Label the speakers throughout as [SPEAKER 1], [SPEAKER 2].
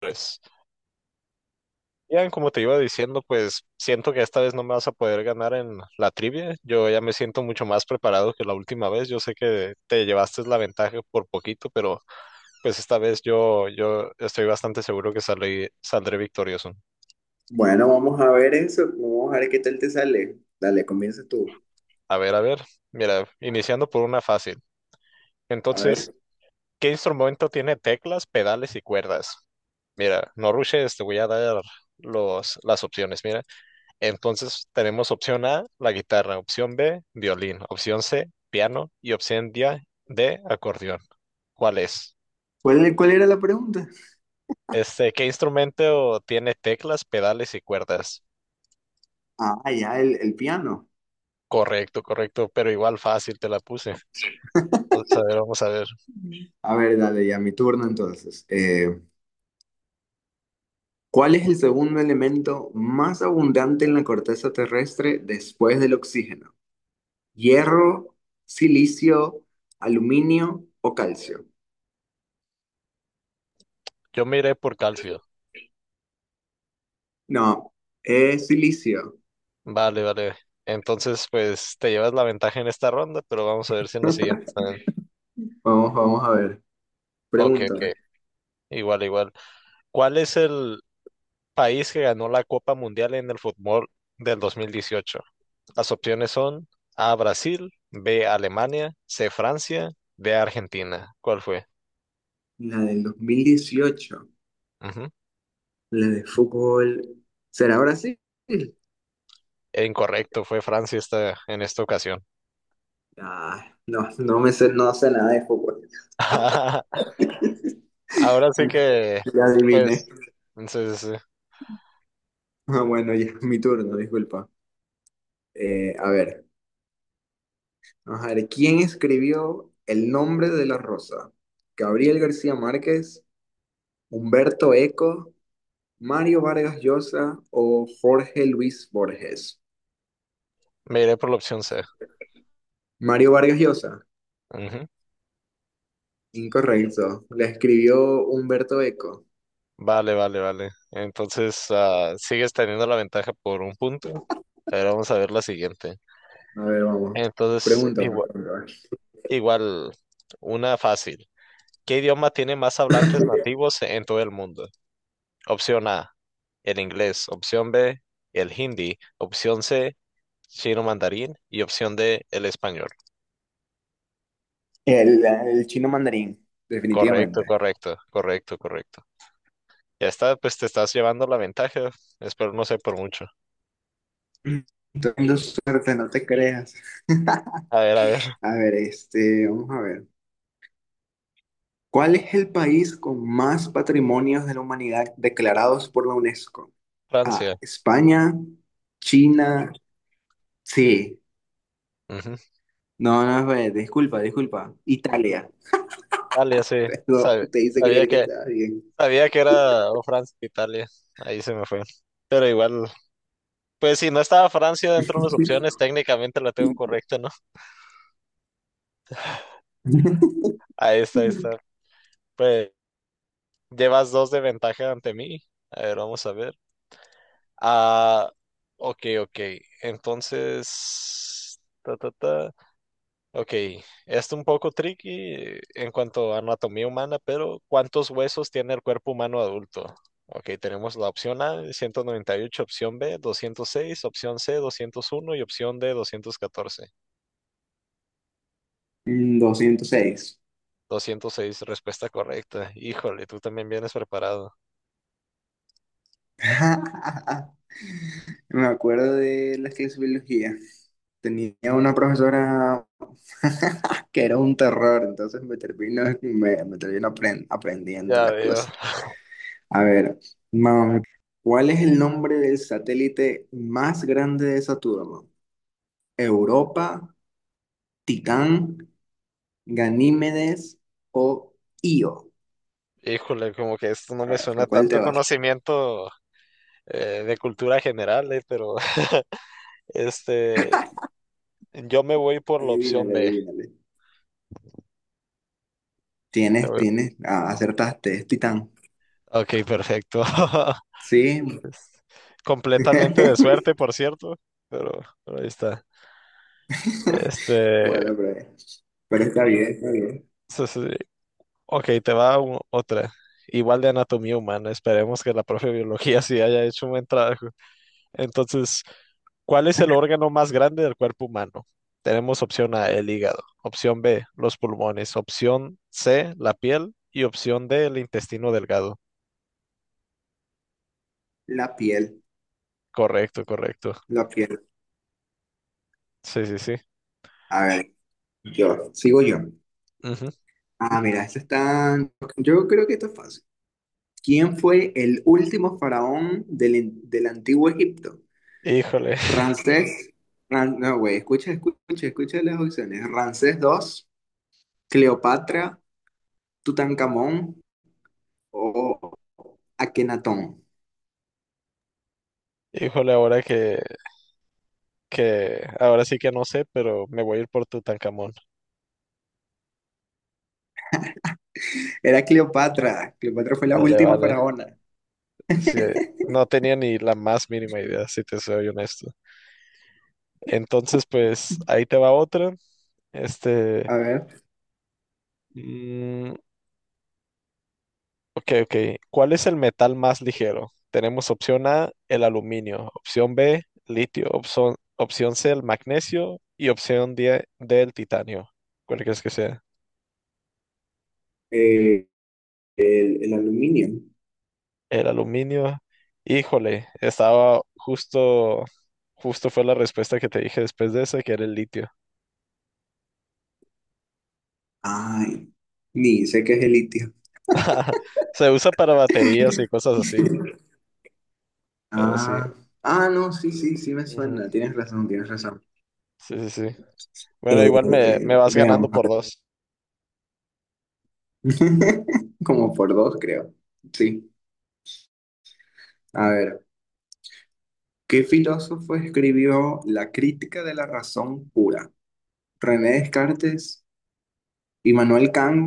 [SPEAKER 1] Pues, Ian, como te iba diciendo, pues siento que esta vez no me vas a poder ganar en la trivia. Yo ya me siento mucho más preparado que la última vez. Yo sé que te llevaste la ventaja por poquito, pero pues esta vez yo estoy bastante seguro que saldré victorioso.
[SPEAKER 2] Bueno, vamos a ver eso. Vamos a ver qué tal te sale. Dale, comienza tú.
[SPEAKER 1] A ver, mira, iniciando por una fácil.
[SPEAKER 2] A
[SPEAKER 1] Entonces,
[SPEAKER 2] ver.
[SPEAKER 1] ¿qué instrumento tiene teclas, pedales y cuerdas? Mira, no rushes, te voy a dar las opciones. Mira, entonces tenemos opción A, la guitarra, opción B, violín, opción C, piano y opción D, acordeón. ¿Cuál es?
[SPEAKER 2] ¿Cuál era la pregunta?
[SPEAKER 1] ¿Qué instrumento tiene teclas, pedales y cuerdas?
[SPEAKER 2] Ah, ya, el piano.
[SPEAKER 1] Correcto, correcto, pero igual fácil te la puse. Entonces, a ver, vamos a ver.
[SPEAKER 2] A ver, dale, ya mi turno entonces. ¿Cuál es el segundo elemento más abundante en la corteza terrestre después del oxígeno? ¿Hierro, silicio, aluminio o calcio?
[SPEAKER 1] Yo me iré por calcio.
[SPEAKER 2] No, es silicio.
[SPEAKER 1] Vale, vale. Entonces, pues te llevas la ventaja en esta ronda, pero vamos a ver si en la siguiente también.
[SPEAKER 2] Vamos a ver.
[SPEAKER 1] Ok,
[SPEAKER 2] Pregunta.
[SPEAKER 1] ok. Igual, igual. ¿Cuál es el país que ganó la Copa Mundial en el fútbol del 2018? Las opciones son A, Brasil, B, Alemania, C, Francia, D, Argentina. ¿Cuál fue?
[SPEAKER 2] La del 2018,
[SPEAKER 1] Ujú.
[SPEAKER 2] la de fútbol. ¿Será Brasil?
[SPEAKER 1] E incorrecto, fue Francia esta, en esta ocasión.
[SPEAKER 2] Ah, no, no me sé, no sé nada de fútbol.
[SPEAKER 1] Ahora sí que,
[SPEAKER 2] Ya adiviné.
[SPEAKER 1] pues, entonces sí, sí, sí.
[SPEAKER 2] Ah, bueno, ya, mi turno, disculpa. A ver, vamos a ver, ¿quién escribió El nombre de la rosa? ¿Gabriel García Márquez, Humberto Eco, Mario Vargas Llosa o Jorge Luis Borges?
[SPEAKER 1] Me iré por la opción C.
[SPEAKER 2] Mario Vargas Llosa,
[SPEAKER 1] Ujú.
[SPEAKER 2] incorrecto. La escribió Humberto Eco.
[SPEAKER 1] Vale, vale, vale. Entonces, ah, sigues teniendo la ventaja por un punto. Pero vamos a ver la siguiente.
[SPEAKER 2] A ver, vamos.
[SPEAKER 1] Entonces,
[SPEAKER 2] Pregunta, por favor.
[SPEAKER 1] igual, una fácil. ¿Qué idioma tiene más hablantes nativos en todo el mundo? Opción A, el inglés, opción B, el hindi, opción C, chino mandarín y opción D, el español.
[SPEAKER 2] El chino mandarín,
[SPEAKER 1] Correcto,
[SPEAKER 2] definitivamente.
[SPEAKER 1] correcto, correcto, correcto. Ya está, pues te estás llevando la ventaja. Espero no sé por mucho.
[SPEAKER 2] Teniendo suerte, no te creas.
[SPEAKER 1] A ver,
[SPEAKER 2] A ver, vamos a ver. ¿Cuál es el país con más patrimonios de la humanidad declarados por la UNESCO? A,
[SPEAKER 1] Francia.
[SPEAKER 2] España, China, sí.
[SPEAKER 1] Ujú.
[SPEAKER 2] No, no, espérate, disculpa, disculpa. Italia.
[SPEAKER 1] Italia, sí. Sab-
[SPEAKER 2] Perdón, te hice
[SPEAKER 1] sabía
[SPEAKER 2] creer que
[SPEAKER 1] que,
[SPEAKER 2] estaba bien.
[SPEAKER 1] sabía que era o Francia, o Italia. Ahí se me fue. Pero igual, pues si no estaba Francia dentro de las opciones, técnicamente la tengo correcta, ¿no? Ahí está, ahí está. Llevas dos de ventaja ante mí. A ver, vamos a ver. Ah, ok, ok. Entonces, ta, ta, ta. Ok, esto un poco tricky en cuanto a anatomía humana, pero ¿cuántos huesos tiene el cuerpo humano adulto? Ok, tenemos la opción A, 198, opción B, 206, opción C, 201 y opción D, 214.
[SPEAKER 2] Mm, 206.
[SPEAKER 1] Doscientos seis, respuesta correcta. Híjole, tú también vienes preparado.
[SPEAKER 2] Me acuerdo de las clases de biología. Tenía una profesora que era un terror, entonces me aprendiendo
[SPEAKER 1] Ya
[SPEAKER 2] las
[SPEAKER 1] veo.
[SPEAKER 2] cosas. A ver, mam, ¿cuál es el nombre del satélite más grande de Saturno? ¿Europa, Titán, Ganímedes o Io?
[SPEAKER 1] Híjole, como que esto no
[SPEAKER 2] A
[SPEAKER 1] me
[SPEAKER 2] ver,
[SPEAKER 1] suena
[SPEAKER 2] ¿por cuál te
[SPEAKER 1] tanto
[SPEAKER 2] vas?
[SPEAKER 1] conocimiento de cultura general, pero Este, yo me voy por la opción
[SPEAKER 2] Adivínale,
[SPEAKER 1] B.
[SPEAKER 2] adivínale.
[SPEAKER 1] Me voy-
[SPEAKER 2] Ah, acertaste, es Titán.
[SPEAKER 1] Ok, perfecto.
[SPEAKER 2] Sí.
[SPEAKER 1] Es completamente de suerte, por cierto, pero, pero ahí está. Este,
[SPEAKER 2] Bueno, pero, pero está bien, está bien.
[SPEAKER 1] sí, sí, sí. Ok, te va otra. Igual de anatomía humana. Esperemos que la profe de biología sí haya hecho un buen trabajo. Entonces, ¿cuál es el órgano más grande del cuerpo humano? Tenemos opción A, el hígado, opción B, los pulmones, opción C, la piel y opción D, el intestino delgado.
[SPEAKER 2] La piel,
[SPEAKER 1] Correcto, correcto.
[SPEAKER 2] la piel.
[SPEAKER 1] Sí, sí, sí.
[SPEAKER 2] A ver. Yo, sigo yo.
[SPEAKER 1] Ujú.
[SPEAKER 2] Ah, mira, esto está. Yo creo que esto es fácil. ¿Quién fue el último faraón del antiguo Egipto?
[SPEAKER 1] Híjole,
[SPEAKER 2] Ramsés. No, güey, escucha, escucha, escucha las opciones. Ramsés II, Cleopatra, Tutankamón o Akenatón.
[SPEAKER 1] híjole, ahora que, ahora sí que no sé, pero me voy a ir por Tutankamón.
[SPEAKER 2] Era Cleopatra. Cleopatra fue la
[SPEAKER 1] Vale,
[SPEAKER 2] última
[SPEAKER 1] vale.
[SPEAKER 2] faraona.
[SPEAKER 1] Sí, no tenía ni la más mínima idea, si te soy honesto. Entonces, pues, ahí te va otra. Este,
[SPEAKER 2] A ver,
[SPEAKER 1] mm, ok, ok. ¿Cuál es el metal más ligero? Tenemos opción A, el aluminio, opción B, litio, opción C, el magnesio y opción D, el titanio. ¿Cuál crees que sea?
[SPEAKER 2] eh, el aluminio.
[SPEAKER 1] El aluminio, híjole, estaba justo, justo fue la respuesta que te dije después de esa, que era el litio.
[SPEAKER 2] Ay, ni sé qué es el litio.
[SPEAKER 1] Se usa para baterías y cosas así, pero sí.
[SPEAKER 2] Ah, ah, no, sí, sí, sí me
[SPEAKER 1] Ujú,
[SPEAKER 2] suena. Tienes razón, tienes razón.
[SPEAKER 1] sí, sí, sí. Bueno, igual me vas ganando
[SPEAKER 2] Veamos, a
[SPEAKER 1] por
[SPEAKER 2] ver.
[SPEAKER 1] dos.
[SPEAKER 2] Como por dos, creo. Sí, a ver. ¿Qué filósofo escribió La crítica de la razón pura? ¿René Descartes, Immanuel Kant,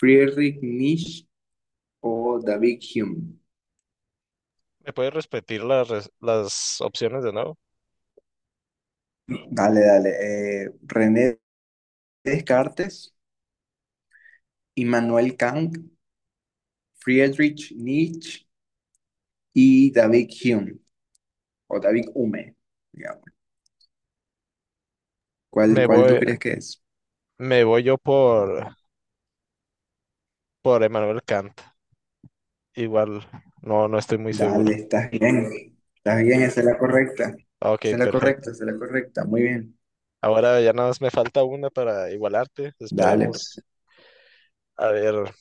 [SPEAKER 2] Friedrich Nietzsche o David Hume?
[SPEAKER 1] ¿Me puedes repetir las, las opciones de nuevo?
[SPEAKER 2] Dale, dale. René Descartes, Immanuel Kant, Friedrich Nietzsche y David Hume, o David Hume. ¿Cuál,
[SPEAKER 1] Me
[SPEAKER 2] cuál tú
[SPEAKER 1] voy,
[SPEAKER 2] crees que es?
[SPEAKER 1] me voy yo por Emmanuel Kant. Igual, no, no estoy muy
[SPEAKER 2] Dale,
[SPEAKER 1] seguro.
[SPEAKER 2] estás bien. Estás bien, esa es la correcta.
[SPEAKER 1] Ok,
[SPEAKER 2] Esa es la
[SPEAKER 1] perfecto.
[SPEAKER 2] correcta, esa es la correcta. Muy bien.
[SPEAKER 1] Ahora ya nada más me falta una para igualarte.
[SPEAKER 2] Dale, pues.
[SPEAKER 1] Esperemos. A ver.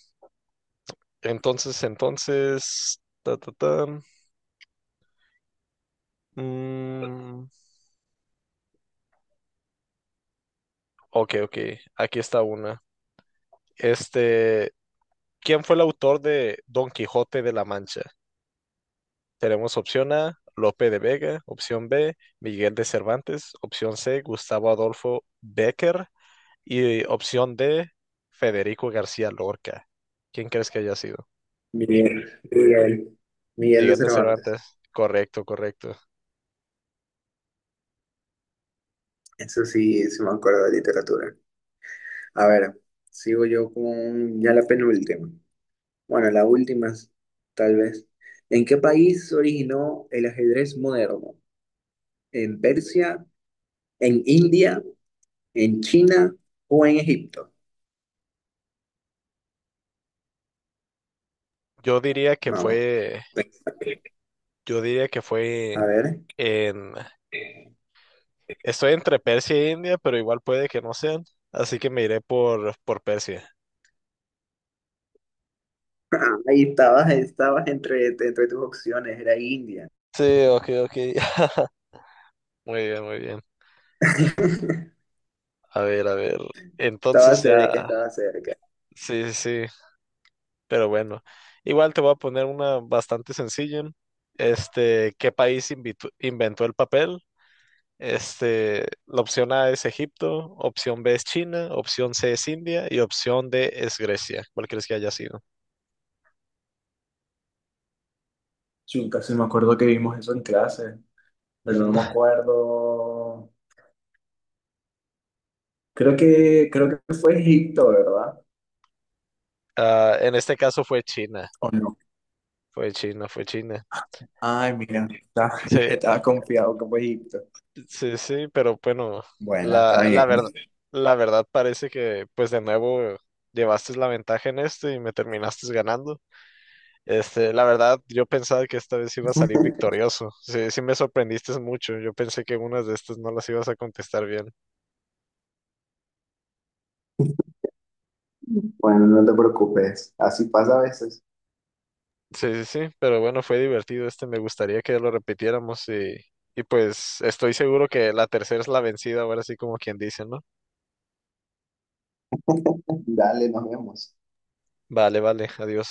[SPEAKER 1] Entonces, entonces, ta, ta, ta. Mm, ok, ok, aquí está una. Este, ¿quién fue el autor de Don Quijote de la Mancha? Tenemos opción A, Lope de Vega, opción B, Miguel de Cervantes, opción C, Gustavo Adolfo Bécquer y opción D, Federico García Lorca. ¿Quién crees que haya sido?
[SPEAKER 2] Miguel, Miguel, Miguel de
[SPEAKER 1] Miguel de
[SPEAKER 2] Cervantes.
[SPEAKER 1] Cervantes. Correcto, correcto.
[SPEAKER 2] Eso sí, sí me acuerdo de literatura. A ver, sigo yo con ya la penúltima. Bueno, la última, es- tal vez. ¿En qué país se originó el ajedrez moderno? ¿En Persia, en India, en China o en Egipto?
[SPEAKER 1] Yo diría que
[SPEAKER 2] Vamos.
[SPEAKER 1] fue, yo diría que fue
[SPEAKER 2] A ver.
[SPEAKER 1] en... Estoy entre Persia e India, pero igual puede que no sean, así que me iré por Persia.
[SPEAKER 2] Ahí estabas entre tus opciones, era India.
[SPEAKER 1] Sí, ok, ok. Muy bien, muy bien. A ver, a ver.
[SPEAKER 2] Estaba
[SPEAKER 1] Entonces
[SPEAKER 2] cerca,
[SPEAKER 1] ya,
[SPEAKER 2] estaba cerca.
[SPEAKER 1] sí, sí, sí, pero bueno. Igual te voy a poner una bastante sencilla. Este, ¿qué país inventó el papel? Este, la opción A es Egipto, opción B es China, opción C es India y opción D es Grecia. ¿Cuál crees que haya sido?
[SPEAKER 2] Chuta, sí me acuerdo que vimos eso en clase, pero no
[SPEAKER 1] Ujú.
[SPEAKER 2] me acuerdo. Creo que fue Egipto, ¿verdad?
[SPEAKER 1] Ah, en este caso fue China,
[SPEAKER 2] ¿O no?
[SPEAKER 1] fue China, fue China.
[SPEAKER 2] Ay, mira,
[SPEAKER 1] Sí,
[SPEAKER 2] estaba confiado que fue Egipto.
[SPEAKER 1] sí, sí, pero bueno,
[SPEAKER 2] Bueno, está
[SPEAKER 1] la, la verdad,
[SPEAKER 2] bien.
[SPEAKER 1] la verdad parece que pues de nuevo llevaste la ventaja en esto y me terminaste ganando. Este, la verdad, yo pensaba que esta vez iba a salir victorioso. Sí, sí me sorprendiste mucho. Yo pensé que unas de estas no las ibas a contestar bien.
[SPEAKER 2] Bueno, no te preocupes, así pasa a veces.
[SPEAKER 1] Sí, sí, sí, pero bueno, fue divertido este. Me gustaría que lo repitiéramos y pues estoy seguro que la tercera es la vencida, ahora sí como quien dice, ¿no?
[SPEAKER 2] Dale, nos vemos.
[SPEAKER 1] Vale, vale, adiós.